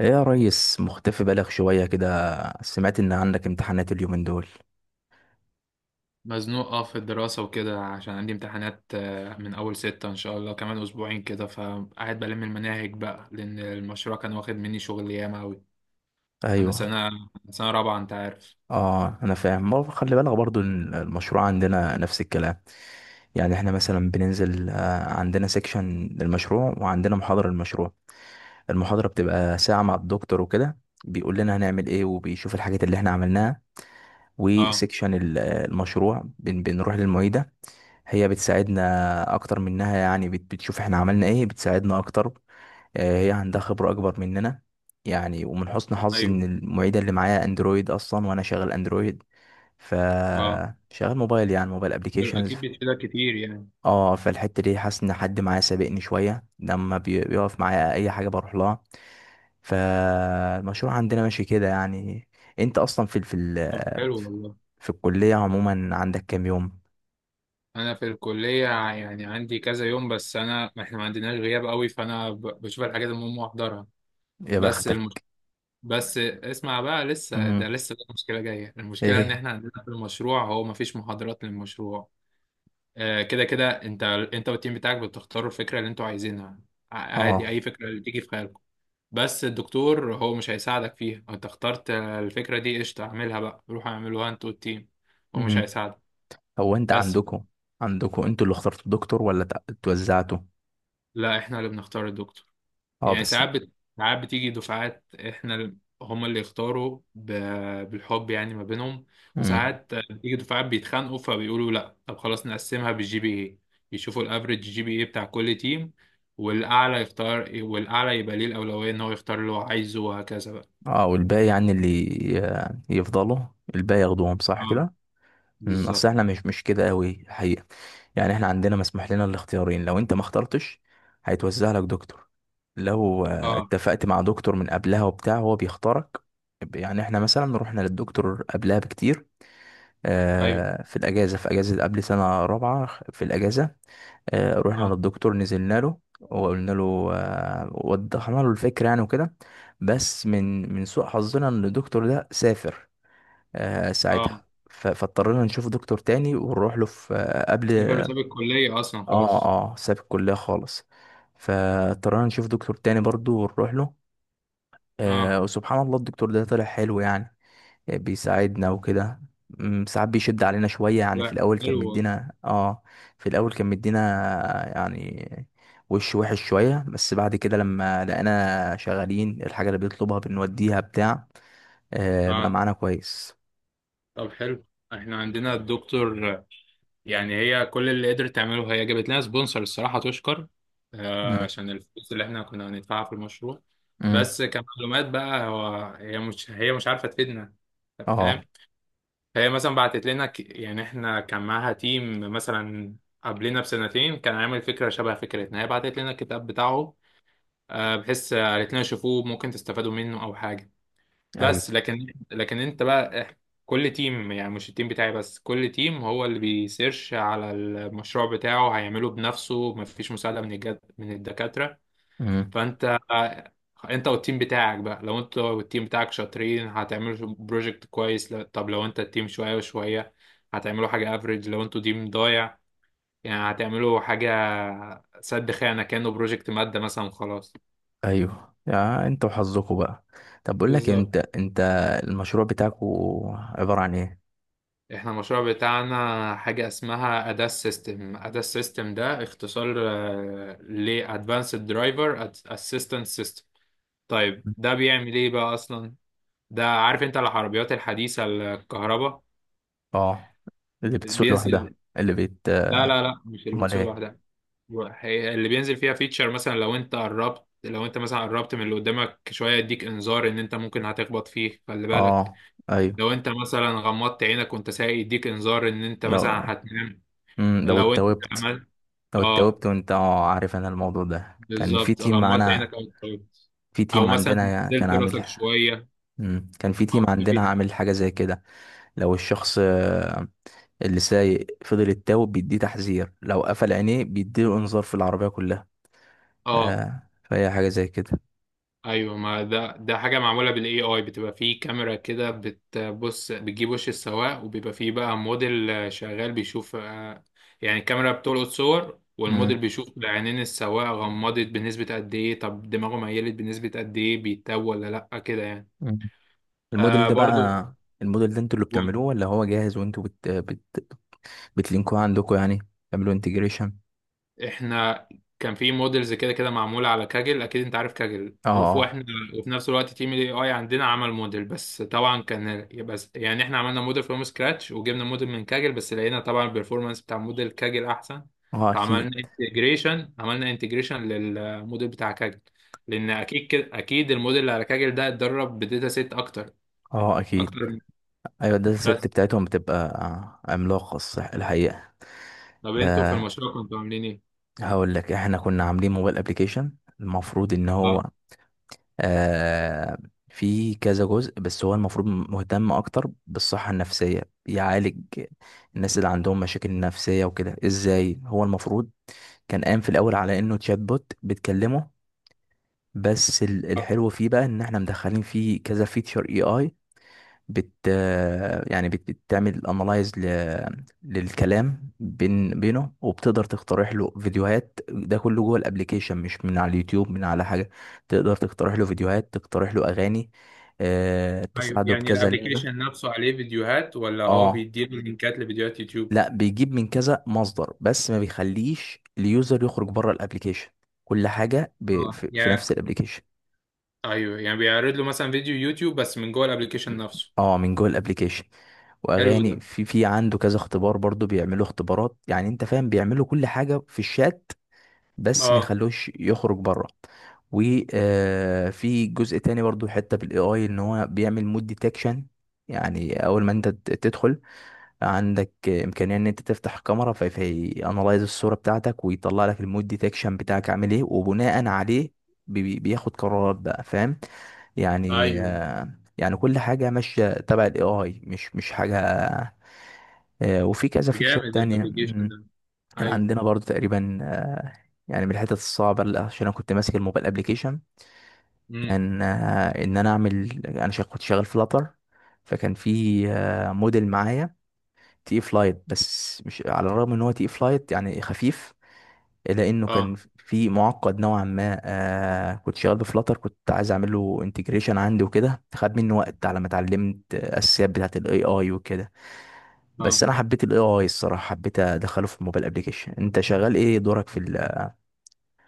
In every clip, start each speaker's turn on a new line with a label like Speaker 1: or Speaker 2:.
Speaker 1: ايه يا ريس؟ مختفي بالغ شوية كده. سمعت ان عندك امتحانات اليومين دول؟
Speaker 2: مزنوق في الدراسة وكده عشان عندي امتحانات من أول ستة إن شاء الله كمان أسبوعين كده، فقاعد بلم المناهج بقى لأن المشروع كان واخد مني شغل ياما أوي. أنا
Speaker 1: ايوه.
Speaker 2: سنة أنا سنة رابعة أنت عارف.
Speaker 1: اه، انا فاهم برضه. خلي بالك برضه، المشروع عندنا نفس الكلام. يعني احنا مثلا بننزل، عندنا سيكشن للمشروع وعندنا محاضرة للمشروع. المحاضرة بتبقى ساعة مع الدكتور وكده. بيقول لنا هنعمل ايه، وبيشوف الحاجات اللي احنا عملناها.
Speaker 2: اه.
Speaker 1: وسيكشن المشروع بنروح للمعيدة. هي بتساعدنا اكتر منها، يعني بتشوف احنا عملنا ايه، بتساعدنا اكتر. هي عندها خبرة أكبر مننا. يعني، ومن حسن حظي
Speaker 2: أيوه.
Speaker 1: إن المعيدة اللي معايا أندرويد أصلا، وأنا شغال أندرويد. ف
Speaker 2: اه.
Speaker 1: شغال موبايل، يعني موبايل
Speaker 2: حلو،
Speaker 1: أبليكيشنز.
Speaker 2: أكيد بيفيدك كتير يعني.
Speaker 1: اه، فالحتة دي حاسس إن حد معايا سابقني شوية، لما بيقف معايا أي حاجة بروح لها. فالمشروع عندنا ماشي كده يعني. أنت أصلا
Speaker 2: طب حلو والله.
Speaker 1: في الكلية عموما عندك كام يوم؟
Speaker 2: أنا في الكلية يعني عندي كذا يوم، بس أنا إحنا ما عندناش غياب أوي، فأنا بشوف الحاجات المهمة وأحضرها.
Speaker 1: يا
Speaker 2: بس الم...
Speaker 1: بختك.
Speaker 2: بس اسمع بقى، لسه ده
Speaker 1: مم.
Speaker 2: لسه في مشكلة جاية. المشكلة إن
Speaker 1: إيه؟
Speaker 2: إحنا عندنا في المشروع هو مفيش محاضرات للمشروع. كده كده انت والتيم بتاعك بتختاروا الفكره اللي انتوا عايزينها. عادي
Speaker 1: اه.
Speaker 2: اي فكره اللي تيجي في خيالكم. بس الدكتور هو مش هيساعدك فيها. انت اخترت الفكره دي، قشطه اعملها بقى، روح اعملوها انت والتيم. هو مش هيساعدك.
Speaker 1: هو انت
Speaker 2: بس.
Speaker 1: عندكم، عندكم انتوا اللي اخترتوا الدكتور ولا اتوزعتوا؟
Speaker 2: لا احنا اللي بنختار الدكتور.
Speaker 1: اه،
Speaker 2: يعني
Speaker 1: بس.
Speaker 2: ساعات بتيجي دفعات. احنا هما اللي يختاروا بالحب يعني ما بينهم.
Speaker 1: امم.
Speaker 2: وساعات بتيجي دفعات بيتخانقوا، فبيقولوا لا طب خلاص نقسمها بالجي بي اي. يشوفوا الافريج جي بي اي بتاع كل تيم، والاعلى يختار، والاعلى يبقى ليه الاولويه ان هو يختار اللي هو عايزه، وهكذا بقى.
Speaker 1: اه، والباقي يعني اللي يفضلوا، الباقي ياخدوهم صح
Speaker 2: اه
Speaker 1: كده؟ اصل
Speaker 2: بالظبط.
Speaker 1: احنا مش كده قوي الحقيقه. يعني احنا عندنا مسموح لنا الاختيارين. لو انت ما اخترتش هيتوزع لك دكتور. لو
Speaker 2: اه.
Speaker 1: اتفقت مع دكتور من قبلها وبتاع، هو بيختارك. يعني احنا مثلا رحنا للدكتور قبلها بكتير،
Speaker 2: ايوه.
Speaker 1: في الاجازه، في اجازه قبل سنه رابعه. في الاجازه رحنا
Speaker 2: اه.
Speaker 1: للدكتور، نزلنا له وقلنا له، وضحنا له الفكرة يعني وكده. بس من سوء حظنا ان الدكتور ده سافر ساعتها.
Speaker 2: اه
Speaker 1: فاضطرينا نشوف دكتور تاني ونروح له في، قبل.
Speaker 2: سيبر، وساب الكليه اصلا
Speaker 1: اه،
Speaker 2: خالص.
Speaker 1: اه، ساب الكلية خالص. فاضطرينا نشوف دكتور تاني برضو ونروح له.
Speaker 2: اه.
Speaker 1: وسبحان الله الدكتور ده طلع حلو يعني، يعني بيساعدنا وكده. ساعات بيشد علينا شوية يعني.
Speaker 2: لا
Speaker 1: في الأول كان
Speaker 2: حلو والله.
Speaker 1: مدينا، اه، في الأول كان مدينا يعني وش وحش شوية. بس بعد كده لما لقينا شغالين الحاجة اللي بيطلبها بنوديها بتاع، بقى
Speaker 2: اه
Speaker 1: معانا كويس.
Speaker 2: طب حلو. احنا عندنا الدكتور يعني، هي كل اللي قدرت تعمله هي جابت لنا سبونسر، الصراحة تشكر.
Speaker 1: مم.
Speaker 2: عشان الفلوس اللي احنا كنا هندفعها في المشروع.
Speaker 1: مم.
Speaker 2: بس كمعلومات بقى، هو هي مش هي مش عارفة تفيدنا. طب
Speaker 1: اه.
Speaker 2: فاهم. فهي مثلا بعتت لنا يعني احنا كان معاها تيم مثلا قبلنا بسنتين كان عامل فكرة شبه فكرتنا، هي بعتت لنا الكتاب بتاعه. بحيث قالت لنا شوفوه، ممكن تستفادوا منه أو حاجة.
Speaker 1: ايوه.
Speaker 2: بس لكن انت بقى كل تيم، يعني مش التيم بتاعي بس، كل تيم هو اللي بيسيرش على المشروع بتاعه، هيعمله بنفسه، مفيش مساعدة من الجد من الدكاترة.
Speaker 1: مم.
Speaker 2: فانت، انت والتيم بتاعك بقى، لو انت والتيم بتاعك شاطرين هتعملوا بروجكت كويس. لا- طب لو انت التيم شوية وشوية، هتعملوا حاجة افريج. لو انتوا تيم ضايع يعني هتعملوا حاجة سد خانة كأنه بروجكت مادة مثلا، خلاص.
Speaker 1: ايوه، يا انت وحظكوا بقى. طب بقول لك إيه،
Speaker 2: بالظبط.
Speaker 1: انت المشروع بتاعك عبارة عن ايه؟
Speaker 2: احنا المشروع بتاعنا حاجة اسمها أداس سيستم. أداس سيستم ده اختصار ل Advanced Driver Assistance System. طيب ده بيعمل ايه بقى اصلا؟ ده عارف انت العربيات الحديثة الكهرباء
Speaker 1: اه. اللي بتسوق لوحدها.
Speaker 2: بينزل.
Speaker 1: اللي بت
Speaker 2: لا لا لا مش اللي
Speaker 1: امال
Speaker 2: بتسوق
Speaker 1: ايه؟
Speaker 2: لوحدها. اللي بينزل فيها فيتشر، مثلا لو انت مثلا قربت من اللي قدامك شوية، يديك انذار ان انت ممكن هتخبط فيه، خلي بالك.
Speaker 1: اه، ايوه،
Speaker 2: لو انت مثلا غمضت عينك وانت سايق، يديك انذار ان انت
Speaker 1: لو
Speaker 2: مثلا هتنام.
Speaker 1: لو
Speaker 2: لو انت
Speaker 1: اتوبت.
Speaker 2: عملت.
Speaker 1: لو
Speaker 2: اه
Speaker 1: اتوبت وانت، عارف، انا الموضوع ده كان في
Speaker 2: بالظبط،
Speaker 1: تيم
Speaker 2: غمضت
Speaker 1: معانا.
Speaker 2: عينك او اتفرجت
Speaker 1: في
Speaker 2: او
Speaker 1: تيم
Speaker 2: مثلا
Speaker 1: عندنا كان
Speaker 2: نزلت
Speaker 1: عامل.
Speaker 2: راسك شويه.
Speaker 1: كان في
Speaker 2: اه
Speaker 1: تيم عندنا
Speaker 2: في.
Speaker 1: عامل حاجة زي كده. لو الشخص اللي سايق فضل يتوب، بيديه تحذير، لو قفل عينيه بيديله انذار في العربية كلها.
Speaker 2: اه
Speaker 1: فهي حاجة زي كده.
Speaker 2: ايوه، ما ده ده حاجه معموله بالاي اي. بتبقى فيه كاميرا كده بتبص، بتجيب وش السواق، وبيبقى فيه بقى موديل شغال بيشوف يعني الكاميرا بتلقط صور،
Speaker 1: امم.
Speaker 2: والموديل بيشوف عينين السواق غمضت بنسبه قد ايه، طب دماغه ميلت بنسبه قد ايه، بيتوه ولا لا كده يعني.
Speaker 1: مم. الموديل
Speaker 2: آه
Speaker 1: ده بقى،
Speaker 2: برضو.
Speaker 1: الموديل ده انتوا اللي بتعملوه ولا هو جاهز وانتوا بتلينكوه عندكم يعني؟ تعملوا انتجريشن؟
Speaker 2: احنا كان في موديلز كده كده معموله على كاجل، اكيد انت عارف كاجل،
Speaker 1: اه.
Speaker 2: وفي
Speaker 1: اه.
Speaker 2: احنا وفي نفس الوقت تيم الاي اي عندنا عمل موديل، بس طبعا كان بس يعني احنا عملنا موديل فروم سكراتش وجبنا موديل من كاجل، بس لقينا طبعا البرفورمانس بتاع موديل كاجل احسن.
Speaker 1: اه،
Speaker 2: فعملنا
Speaker 1: اكيد.
Speaker 2: انتجريشن، عملنا انتجريشن للموديل بتاع كاجل، لان اكيد كده، اكيد الموديل اللي على كاجل ده اتدرب بداتا سيت اكتر،
Speaker 1: اه،
Speaker 2: اكتر
Speaker 1: اكيد.
Speaker 2: من.
Speaker 1: ايوه، ده الست
Speaker 2: بس.
Speaker 1: بتاعتهم بتبقى عملاقة الصح الحقيقة.
Speaker 2: طب انتوا في
Speaker 1: أه،
Speaker 2: المشروع كنتوا عاملين ايه؟
Speaker 1: هقول لك. احنا كنا عاملين موبايل ابليكيشن المفروض ان
Speaker 2: اه.
Speaker 1: هو، أه، في كذا جزء. بس هو المفروض مهتم اكتر بالصحة النفسية. بيعالج الناس اللي عندهم مشاكل نفسية وكده. ازاي هو المفروض؟ كان قام في الاول على انه تشات بوت بتكلمه، بس الحلو فيه بقى ان احنا مدخلين فيه كذا فيتشر اي اي. بت يعني بتعمل انالايز للكلام بينه، وبتقدر تقترح له فيديوهات، ده كله جوه الابليكيشن، مش من على اليوتيوب من على حاجة. تقدر تقترح له فيديوهات، تقترح له اغاني،
Speaker 2: ايوه
Speaker 1: تساعده
Speaker 2: يعني
Speaker 1: بكذا لعبة.
Speaker 2: الابلكيشن نفسه عليه فيديوهات، ولا هو
Speaker 1: اه.
Speaker 2: بيديله لينكات لفيديوهات يوتيوب؟
Speaker 1: لا، بيجيب من كذا مصدر بس ما بيخليش اليوزر يخرج بره الابليكيشن. كل حاجة
Speaker 2: اه
Speaker 1: في نفس
Speaker 2: يعني
Speaker 1: الابليكيشن.
Speaker 2: ايوه، يعني بيعرض له مثلا فيديو يوتيوب بس من جوه الابلكيشن نفسه.
Speaker 1: اه، من جوه الابليكيشن.
Speaker 2: حلو ده.
Speaker 1: واغاني. في عنده كذا اختبار برضو، بيعملوا اختبارات يعني انت فاهم، بيعملوا كل حاجه في الشات بس ما
Speaker 2: اه.
Speaker 1: يخلوش يخرج بره. وفي جزء تاني برضو حته بالاي اي، ان هو بيعمل مود ديتكشن. يعني اول ما انت تدخل، عندك امكانيه ان انت تفتح كاميرا، في انالايز الصوره بتاعتك، ويطلع لك المود ديتكشن بتاعك عامل ايه، وبناء عليه بياخد قرارات بقى، فاهم؟ يعني
Speaker 2: ايوه.
Speaker 1: يعني كل حاجه ماشيه تبع الاي اي، مش حاجه. وفي كذا
Speaker 2: ده
Speaker 1: فيتشر
Speaker 2: جامد
Speaker 1: تانية.
Speaker 2: الابلكيشن
Speaker 1: مم.
Speaker 2: ده.
Speaker 1: كان
Speaker 2: ايوه.
Speaker 1: عندنا برضو تقريبا يعني من الحتت الصعبة، عشان أنا كنت ماسك الموبايل أبليكيشن.
Speaker 2: امم.
Speaker 1: كان إن أنا أعمل، كنت شغال فلاتر. فكان في موديل معايا تقيل فلايت. بس مش، على الرغم ان هو تقيل فلايت يعني خفيف، الا انه كان
Speaker 2: اه.
Speaker 1: في معقد نوعا ما. كنت شغال بفلاتر، كنت عايز اعمل له انتجريشن عندي وكده. خد مني وقت على ما اتعلمت الاساسيات بتاعت الاي اي وكده.
Speaker 2: اه
Speaker 1: بس انا حبيت الاي اي الصراحه، حبيت ادخله في الموبايل ابلكيشن. انت شغال ايه؟ دورك في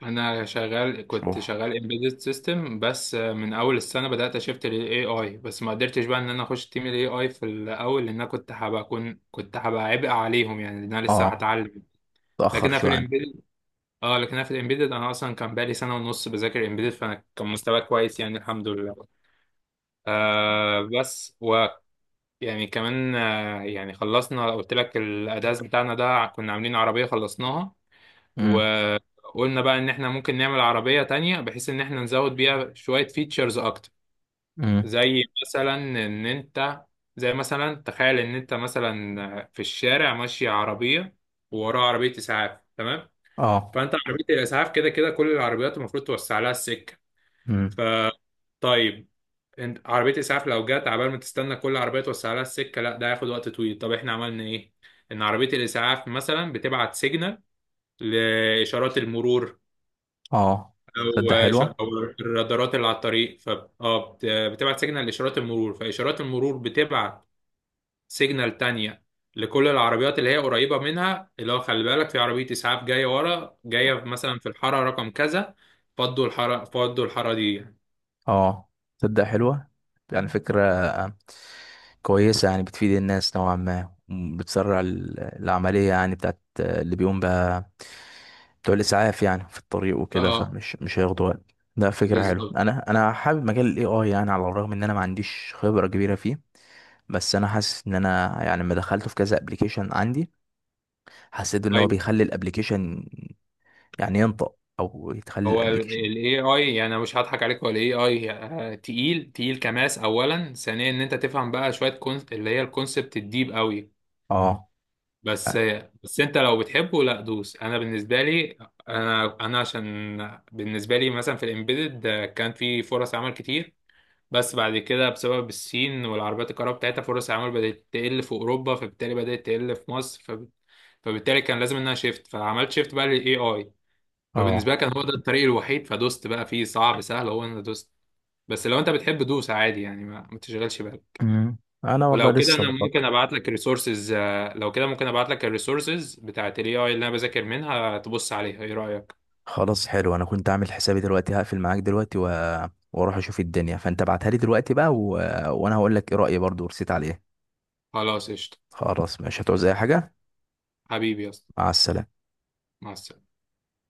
Speaker 2: انا شغال، كنت
Speaker 1: الشروح؟
Speaker 2: شغال امبيدد سيستم، بس من اول السنه بدات اشفت للاي اي، بس ما قدرتش بقى ان انا اخش تيم الاي اي في الاول لان انا كنت هبقى عبء عليهم يعني، لان انا لسه
Speaker 1: اه.
Speaker 2: هتعلم.
Speaker 1: تاخر
Speaker 2: لكن انا في
Speaker 1: شويه عن.
Speaker 2: اه لكن انا في الامبيدد انا اصلا كان بقالي سنه ونص بذاكر امبيدد، فانا كان مستواي كويس يعني الحمد لله. آه بس ويعني كمان آه يعني خلصنا، قلت لك الاداز بتاعنا ده كنا عاملين عربيه خلصناها،
Speaker 1: امم.
Speaker 2: وقلنا بقى ان احنا ممكن نعمل عربيه تانية بحيث ان احنا نزود بيها شويه فيتشرز اكتر.
Speaker 1: امم.
Speaker 2: زي مثلا ان انت زي مثلا تخيل ان انت مثلا في الشارع ماشي عربيه ووراها عربيه اسعاف، تمام؟
Speaker 1: اه.
Speaker 2: فانت عربيه الاسعاف كده كده كل العربيات المفروض توسع لها السكه.
Speaker 1: امم.
Speaker 2: ف طيب، انت عربيه اسعاف، لو جت عبال ما تستنى كل عربيه توسع لها السكه، لا ده هياخد وقت طويل. طب احنا عملنا ايه؟ ان عربيه الاسعاف مثلا بتبعت سيجنال لاشارات المرور،
Speaker 1: اه. تصدق
Speaker 2: او
Speaker 1: حلوه.
Speaker 2: او الرادارات اللي على الطريق. ف اه بتبعت سيجنال لاشارات المرور، فاشارات المرور بتبعت سيجنال تانية لكل العربيات اللي هي قريبة منها، اللي هو خلي بالك في عربية إسعاف جاية ورا، جاية مثلا في الحارة رقم كذا، فضوا الحارة، فضوا الحارة دي يعني.
Speaker 1: اه. تصدق حلوة. يعني فكرة كويسة، يعني بتفيد الناس نوعا ما، بتسرع العملية، يعني بتاعت اللي بيقوم بقى بتوع الإسعاف، يعني في الطريق وكده،
Speaker 2: اه
Speaker 1: فمش مش هياخدوا وقت. ده فكرة حلوة.
Speaker 2: بالظبط.
Speaker 1: أنا حابب مجال ال AI يعني، على الرغم إن أنا ما عنديش خبرة كبيرة فيه. بس أنا حاسس إن أنا، يعني لما دخلته في كذا ابلكيشن عندي، حسيت إن هو
Speaker 2: ايوه
Speaker 1: بيخلي الابلكيشن يعني ينطق، أو يتخلي
Speaker 2: هو ال
Speaker 1: الابلكيشن.
Speaker 2: AI يعني، أنا مش هضحك عليك، هو ال AI تقيل تقيل كماس. أولا ثانيا إن أنت تفهم بقى شوية كونس، اللي هي الكونسبت الديب قوي.
Speaker 1: اه.
Speaker 2: بس، بس أنت لو بتحبه لا دوس. أنا بالنسبة لي، أنا عشان بالنسبة لي مثلا في الإمبيدد كان في فرص عمل كتير، بس بعد كده بسبب الصين والعربيات الكهرباء بتاعتها فرص العمل بدأت تقل في أوروبا، فبالتالي بدأت تقل في مصر، فبالتالي كان لازم إنها شيفت، فعملت شيفت بقى لل AI. فبالنسبة
Speaker 1: اه.
Speaker 2: لي كان هو ده الطريق الوحيد، فدوست بقى فيه. صعب سهل هو، إن دوست. بس لو أنت بتحب دوس عادي يعني، ما تشغلش بالك.
Speaker 1: مم. انا والله
Speaker 2: ولو كده
Speaker 1: لسه
Speaker 2: أنا
Speaker 1: بفكر.
Speaker 2: ممكن أبعت لك الريسورسز، لو كده ممكن أبعت لك الريسورسز بتاعت ال AI اللي أنا بذاكر منها، تبص عليها، إيه رأيك؟
Speaker 1: خلاص، حلو. انا كنت عامل حسابي دلوقتي، هقفل معاك دلوقتي واروح اشوف الدنيا. فانت ابعتها لي دلوقتي بقى وانا هقول لك ايه رايي برضو، ورسيت عليه.
Speaker 2: خلاص قشطة.
Speaker 1: خلاص، مش هتعوز اي حاجه.
Speaker 2: حبيبي يا اسطى.
Speaker 1: مع السلامه.
Speaker 2: مع السلامة.